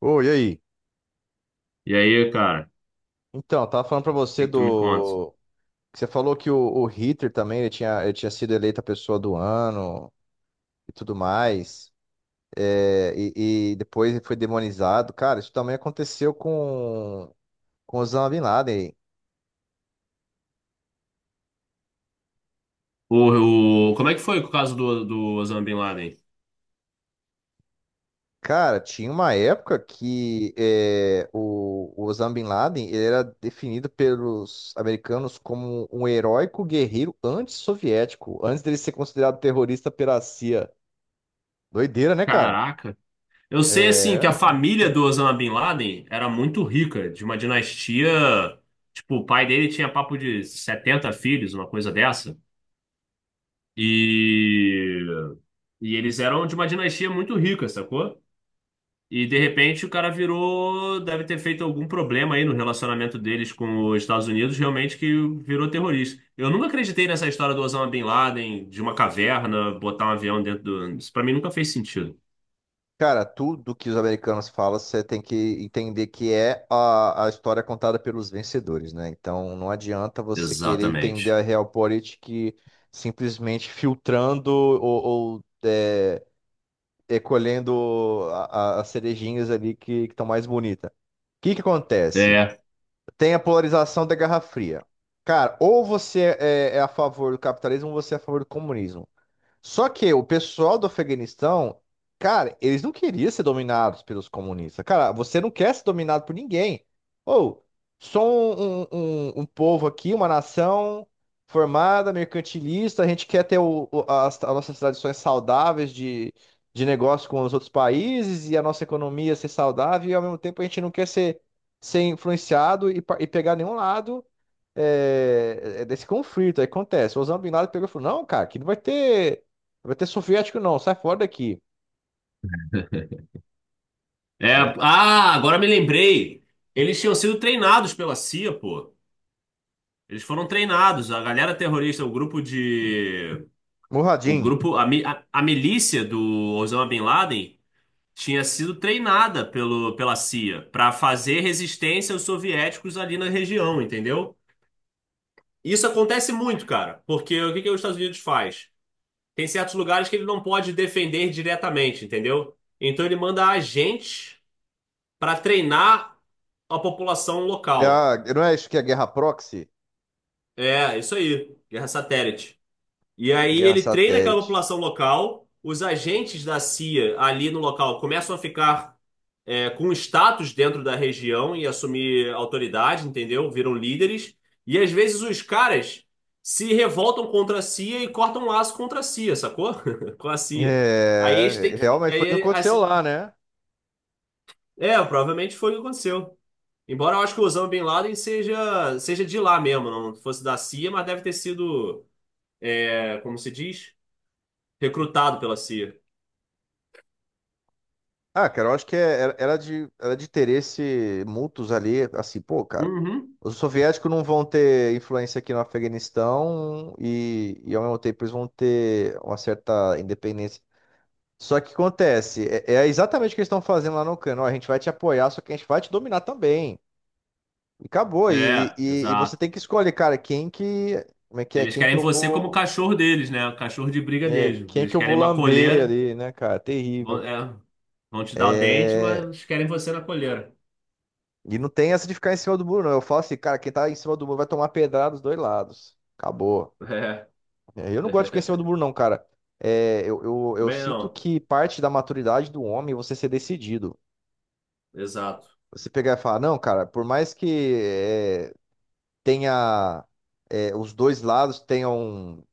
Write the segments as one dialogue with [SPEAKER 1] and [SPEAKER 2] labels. [SPEAKER 1] Oi, e aí?
[SPEAKER 2] E aí, cara,
[SPEAKER 1] Então, eu tava falando pra
[SPEAKER 2] o
[SPEAKER 1] você
[SPEAKER 2] que que tu me conta?
[SPEAKER 1] do que Você falou que o Hitler também ele tinha sido eleito a pessoa do ano e tudo mais. E depois ele foi demonizado. Cara, isso também aconteceu com Osama Bin Laden.
[SPEAKER 2] O- como é que foi o caso do, do Osama Bin Laden?
[SPEAKER 1] Cara, tinha uma época que o Osama Bin Laden ele era definido pelos americanos como um heróico guerreiro antissoviético, antes dele ser considerado terrorista pela CIA. Doideira, né, cara?
[SPEAKER 2] Caraca. Eu sei, assim, que a
[SPEAKER 1] É.
[SPEAKER 2] família do Osama Bin Laden era muito rica, de uma dinastia. Tipo, o pai dele tinha papo de 70 filhos, uma coisa dessa. E, e eles eram de uma dinastia muito rica, sacou? E de repente o cara virou, deve ter feito algum problema aí no relacionamento deles com os Estados Unidos, realmente que virou terrorista. Eu nunca acreditei nessa história do Osama Bin Laden, de uma caverna, botar um avião dentro do. Isso pra mim nunca fez sentido.
[SPEAKER 1] Cara, tudo que os americanos falam, você tem que entender que é a história contada pelos vencedores, né? Então não adianta você querer entender
[SPEAKER 2] Exatamente.
[SPEAKER 1] a Realpolitik simplesmente filtrando ou, é, recolhendo as cerejinhas ali que estão mais bonitas. O que que acontece?
[SPEAKER 2] É,
[SPEAKER 1] Tem a polarização da Guerra Fria. Cara, ou você é a favor do capitalismo ou você é a favor do comunismo. Só que o pessoal do Afeganistão, cara, eles não queriam ser dominados pelos comunistas. Cara, você não quer ser dominado por ninguém. Ou, Só um povo aqui, uma nação formada, mercantilista, a gente quer ter as nossas tradições saudáveis de negócio com os outros países e a nossa economia ser saudável e ao mesmo tempo a gente não quer ser influenciado e, e pegar nenhum lado é desse conflito. Aí acontece. O Osama Bin Laden pegou e falou: Não, cara, aqui não vai ter soviético, não. Sai fora daqui. É.
[SPEAKER 2] Ah, agora me lembrei. Eles tinham sido treinados pela CIA, pô. Eles foram treinados. A galera terrorista, o grupo de. O
[SPEAKER 1] Murradinho.
[SPEAKER 2] grupo. A milícia do Osama Bin Laden tinha sido treinada pelo, pela CIA para fazer resistência aos soviéticos ali na região, entendeu? Isso acontece muito, cara, porque o que que os Estados Unidos faz? Tem certos lugares que ele não pode defender diretamente, entendeu? Então ele manda agentes para treinar a população
[SPEAKER 1] É
[SPEAKER 2] local.
[SPEAKER 1] não é isso que é guerra proxy?
[SPEAKER 2] É, isso aí, guerra satélite. E aí
[SPEAKER 1] Guerra
[SPEAKER 2] ele treina aquela
[SPEAKER 1] satélite.
[SPEAKER 2] população local, os agentes da CIA ali no local começam a ficar com status dentro da região e assumir autoridade, entendeu? Viram líderes. E às vezes os caras se revoltam contra a CIA e cortam um laço contra a CIA, sacou? Com a CIA. Aí eles têm
[SPEAKER 1] É,
[SPEAKER 2] que.
[SPEAKER 1] realmente foi o que
[SPEAKER 2] Aí,
[SPEAKER 1] aconteceu
[SPEAKER 2] assim,
[SPEAKER 1] lá, né?
[SPEAKER 2] provavelmente foi o que aconteceu. Embora eu acho que o Osama Bin Laden seja de lá mesmo, não fosse da CIA, mas deve ter sido, como se diz, recrutado pela CIA.
[SPEAKER 1] Ah, cara, eu acho que era de interesse mútuos ali, assim, pô, cara,
[SPEAKER 2] Uhum.
[SPEAKER 1] os soviéticos não vão ter influência aqui no Afeganistão e ao mesmo tempo eles vão ter uma certa independência. Só que acontece, é exatamente o que eles estão fazendo lá no Cano. Ó, a gente vai te apoiar, só que a gente vai te dominar também. E acabou. E,
[SPEAKER 2] É,
[SPEAKER 1] e, e você
[SPEAKER 2] exato.
[SPEAKER 1] tem que escolher, cara, quem que. Como é que é?
[SPEAKER 2] Eles
[SPEAKER 1] Quem que
[SPEAKER 2] querem
[SPEAKER 1] eu
[SPEAKER 2] você como
[SPEAKER 1] vou.
[SPEAKER 2] cachorro deles, né? O cachorro de briga deles.
[SPEAKER 1] Quem
[SPEAKER 2] Eles
[SPEAKER 1] que eu vou
[SPEAKER 2] querem uma
[SPEAKER 1] lamber
[SPEAKER 2] coleira.
[SPEAKER 1] ali, né, cara?
[SPEAKER 2] Vão,
[SPEAKER 1] Terrível.
[SPEAKER 2] vão te dar o dente,
[SPEAKER 1] É,
[SPEAKER 2] mas querem você na coleira.
[SPEAKER 1] e não tem essa de ficar em cima do muro, não. Eu falo assim, cara, quem tá em cima do muro vai tomar pedrada dos dois lados. Acabou.
[SPEAKER 2] É.
[SPEAKER 1] É, eu não gosto de ficar em cima do muro, não, cara. É, eu
[SPEAKER 2] Também
[SPEAKER 1] sinto
[SPEAKER 2] não.
[SPEAKER 1] que parte da maturidade do homem é você ser decidido.
[SPEAKER 2] Exato.
[SPEAKER 1] Você pegar e falar, não, cara, por mais que é, tenha os dois lados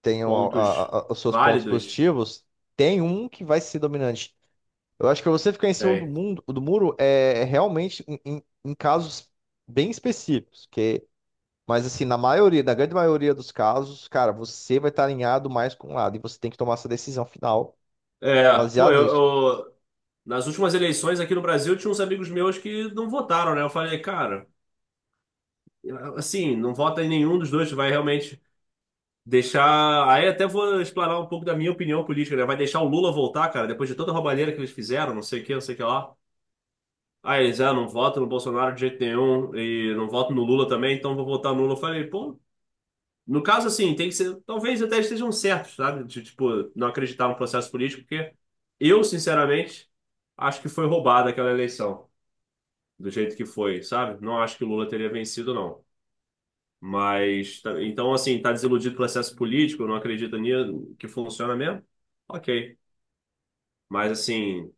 [SPEAKER 1] tenham a-
[SPEAKER 2] Pontos
[SPEAKER 1] os seus pontos
[SPEAKER 2] válidos.
[SPEAKER 1] positivos, tem um que vai ser dominante. Eu acho que você ficar em cima do
[SPEAKER 2] Tem.
[SPEAKER 1] mundo, do muro é realmente em casos bem específicos, que, mas assim, na maioria, na grande maioria dos casos, cara, você vai estar alinhado mais com um lado e você tem que tomar essa decisão final
[SPEAKER 2] É, pô,
[SPEAKER 1] baseada
[SPEAKER 2] eu,
[SPEAKER 1] nisso.
[SPEAKER 2] eu- Nas últimas eleições aqui no Brasil tinha uns amigos meus que não votaram, né? Eu falei, cara, assim, não vota em nenhum dos dois, vai realmente deixar. Aí até vou explanar um pouco da minha opinião política, né? Vai deixar o Lula voltar, cara, depois de toda a roubalheira que eles fizeram, não sei o que, não sei o que lá. Aí eles, ah, não voto no Bolsonaro de jeito nenhum e não voto no Lula também, então vou votar no Lula. Eu falei, pô, no caso assim, tem que ser, talvez até estejam certos, sabe? De, tipo, não acreditar no processo político, porque eu, sinceramente, acho que foi roubada aquela eleição, do jeito que foi, sabe? Não acho que o Lula teria vencido, não. Mas, tá- então, assim, tá desiludido com o processo político, não acredita nisso, que funciona mesmo? Ok. Mas, assim.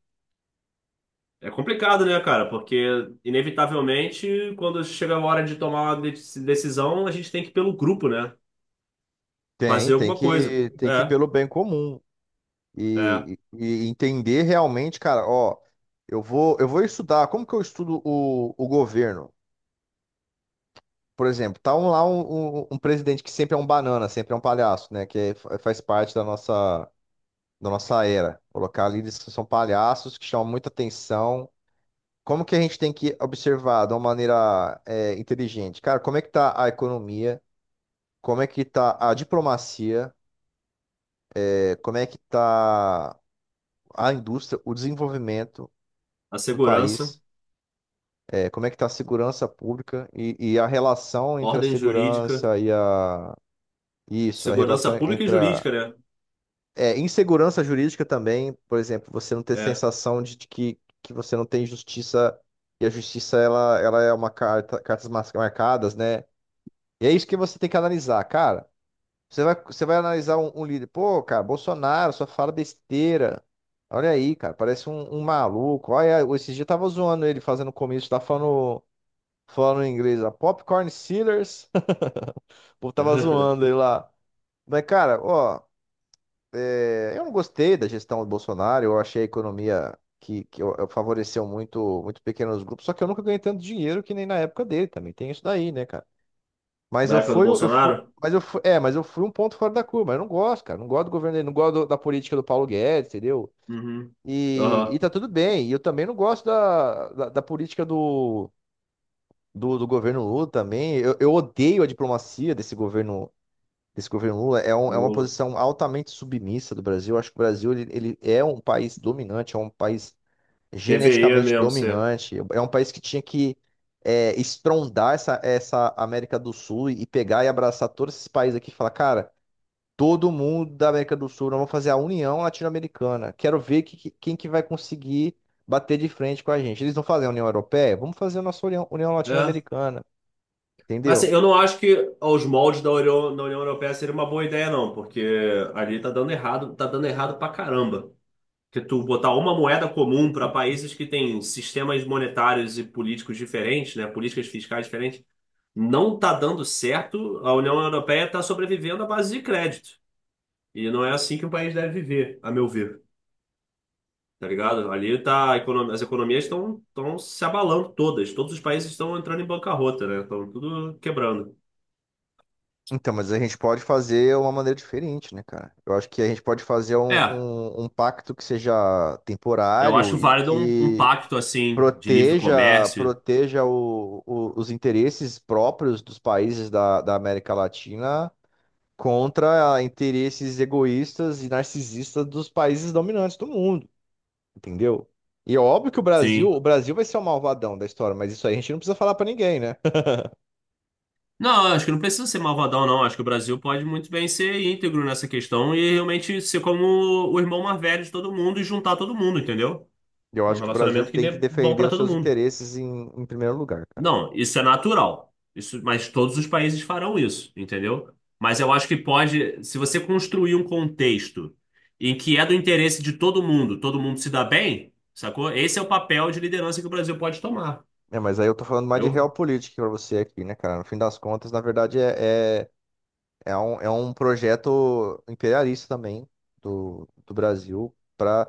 [SPEAKER 2] É complicado, né, cara? Porque, inevitavelmente, quando chega a hora de tomar uma de- decisão, a gente tem que ir pelo grupo, né?
[SPEAKER 1] Tem,
[SPEAKER 2] Fazer alguma coisa.
[SPEAKER 1] tem que ir pelo bem comum.
[SPEAKER 2] É.
[SPEAKER 1] E entender realmente, cara, ó, eu vou estudar, como que eu estudo o governo? Por exemplo, tá lá um presidente que sempre é um banana, sempre é um palhaço, né? Faz parte da nossa era. Colocar líderes que são palhaços, que chamam muita atenção. Como que a gente tem que observar de uma maneira inteligente? Cara, como é que tá a economia? Como é que tá a diplomacia? É, como é que tá a indústria, o desenvolvimento
[SPEAKER 2] A
[SPEAKER 1] do
[SPEAKER 2] segurança,
[SPEAKER 1] país? É como é que está a segurança pública e a relação entre a
[SPEAKER 2] ordem jurídica,
[SPEAKER 1] segurança e a... Isso, a
[SPEAKER 2] segurança
[SPEAKER 1] relação
[SPEAKER 2] pública e
[SPEAKER 1] entre a...
[SPEAKER 2] jurídica, né?
[SPEAKER 1] É, insegurança jurídica também, por exemplo, você não ter
[SPEAKER 2] É.
[SPEAKER 1] sensação que você não tem justiça e a justiça, ela é uma marcadas, né? E é isso que você tem que analisar, cara. Você vai analisar um líder, pô, cara, Bolsonaro só fala besteira. Olha aí, cara, parece um maluco. Olha, esses dias eu tava zoando ele fazendo comício, tá falando em inglês a Popcorn Sealers, o povo tava zoando ele lá. Mas, cara, ó, eu não gostei da gestão do Bolsonaro, eu achei a economia eu favoreceu muito, muito pequenos grupos, só que eu nunca ganhei tanto dinheiro que nem na época dele, também tem isso daí, né, cara? Mas
[SPEAKER 2] Na época do
[SPEAKER 1] eu fui,
[SPEAKER 2] Bolsonaro?
[SPEAKER 1] mas eu fui, é, mas eu fui um ponto fora da curva, eu não gosto, cara, não gosto do governo dele, não gosto da política do Paulo Guedes, entendeu?
[SPEAKER 2] Uhum.
[SPEAKER 1] E
[SPEAKER 2] Aham.
[SPEAKER 1] tá tudo bem, e eu também não gosto da política do governo Lula também. Eu odeio a diplomacia desse governo Lula é uma
[SPEAKER 2] Lula.
[SPEAKER 1] posição altamente submissa do Brasil. Eu acho que o Brasil ele é um país dominante, é um país
[SPEAKER 2] Deveria
[SPEAKER 1] geneticamente
[SPEAKER 2] mesmo ser.
[SPEAKER 1] dominante, é um país que tinha que estrondar essa América do Sul e pegar e abraçar todos esses países aqui e falar, cara, todo mundo da América do Sul, nós vamos fazer a União Latino-Americana. Quero ver quem que vai conseguir bater de frente com a gente. Eles não fazem a União Europeia? Vamos fazer a nossa União, União
[SPEAKER 2] É.
[SPEAKER 1] Latino-Americana,
[SPEAKER 2] Mas assim,
[SPEAKER 1] entendeu?
[SPEAKER 2] eu não acho que aos moldes da União Europeia seria uma boa ideia, não, porque ali tá dando errado pra caramba. Que tu botar uma moeda comum para países que têm sistemas monetários e políticos diferentes, né, políticas fiscais diferentes, não está dando certo. A União Europeia está sobrevivendo à base de crédito. E não é assim que um país deve viver, a meu ver. Tá ligado? Ali tá, a econo- as economias estão se abalando todas. Todos os países estão entrando em bancarrota, né? Estão tudo quebrando.
[SPEAKER 1] Então, mas a gente pode fazer uma maneira diferente, né, cara? Eu acho que a gente pode fazer um,
[SPEAKER 2] É,
[SPEAKER 1] um, um pacto que seja
[SPEAKER 2] eu
[SPEAKER 1] temporário
[SPEAKER 2] acho
[SPEAKER 1] e
[SPEAKER 2] válido um, um
[SPEAKER 1] que
[SPEAKER 2] pacto assim de livre
[SPEAKER 1] proteja,
[SPEAKER 2] comércio.
[SPEAKER 1] proteja os interesses próprios dos países da América Latina contra interesses egoístas e narcisistas dos países dominantes do mundo, entendeu? E é óbvio que
[SPEAKER 2] Sim.
[SPEAKER 1] o Brasil vai ser o malvadão da história, mas isso aí a gente não precisa falar pra ninguém, né?
[SPEAKER 2] Não, acho que não precisa ser malvadão, não. Acho que o Brasil pode muito bem ser íntegro nessa questão e realmente ser como o irmão mais velho de todo mundo e juntar todo mundo, entendeu?
[SPEAKER 1] Eu
[SPEAKER 2] Num
[SPEAKER 1] acho que o Brasil
[SPEAKER 2] relacionamento que
[SPEAKER 1] tem que
[SPEAKER 2] dê bom
[SPEAKER 1] defender
[SPEAKER 2] pra
[SPEAKER 1] os
[SPEAKER 2] todo
[SPEAKER 1] seus
[SPEAKER 2] mundo.
[SPEAKER 1] interesses em primeiro lugar, cara.
[SPEAKER 2] Não, isso é natural. Isso, mas todos os países farão isso, entendeu? Mas eu acho que pode, se você construir um contexto em que é do interesse de todo mundo se dá bem, sacou? Esse é o papel de liderança que o Brasil pode tomar.
[SPEAKER 1] É, mas aí eu tô falando mais de
[SPEAKER 2] Eu
[SPEAKER 1] realpolitik pra você aqui, né, cara? No fim das contas, na verdade, é um projeto imperialista também do Brasil para...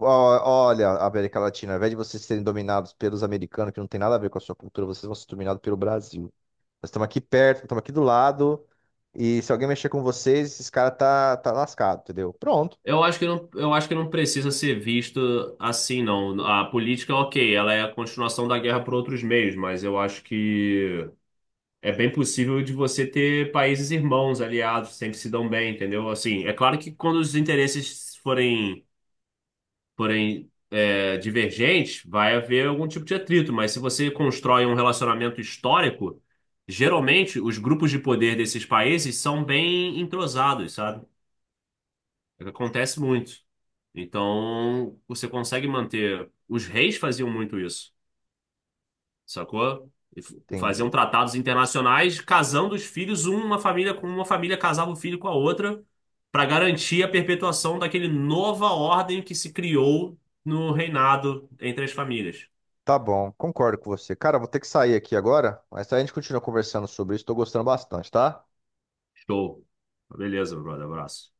[SPEAKER 1] Olha, América Latina, ao invés de vocês serem dominados pelos americanos, que não tem nada a ver com a sua cultura, vocês vão ser dominados pelo Brasil. Nós estamos aqui perto, estamos aqui do lado, e se alguém mexer com vocês, esses caras tá lascado, entendeu? Pronto,
[SPEAKER 2] Eu acho que não, eu acho que não precisa ser visto assim, não. A política, ok, ela é a continuação da guerra por outros meios, mas eu acho que é bem possível de você ter países irmãos, aliados, sempre se dão bem, entendeu? Assim, é claro que quando os interesses forem, forem divergentes, vai haver algum tipo de atrito, mas se você constrói um relacionamento histórico, geralmente os grupos de poder desses países são bem entrosados, sabe? Acontece muito. Então, você consegue manter. Os reis faziam muito isso, sacou? Faziam
[SPEAKER 1] entendi.
[SPEAKER 2] tratados internacionais casando os filhos, uma família com uma família casava o filho com a outra, para garantir a perpetuação daquele nova ordem que se criou no reinado entre as famílias.
[SPEAKER 1] Tá bom, concordo com você. Cara, eu vou ter que sair aqui agora, mas aí a gente continua conversando sobre isso, tô gostando bastante, tá?
[SPEAKER 2] Show. Beleza, brother. Abraço.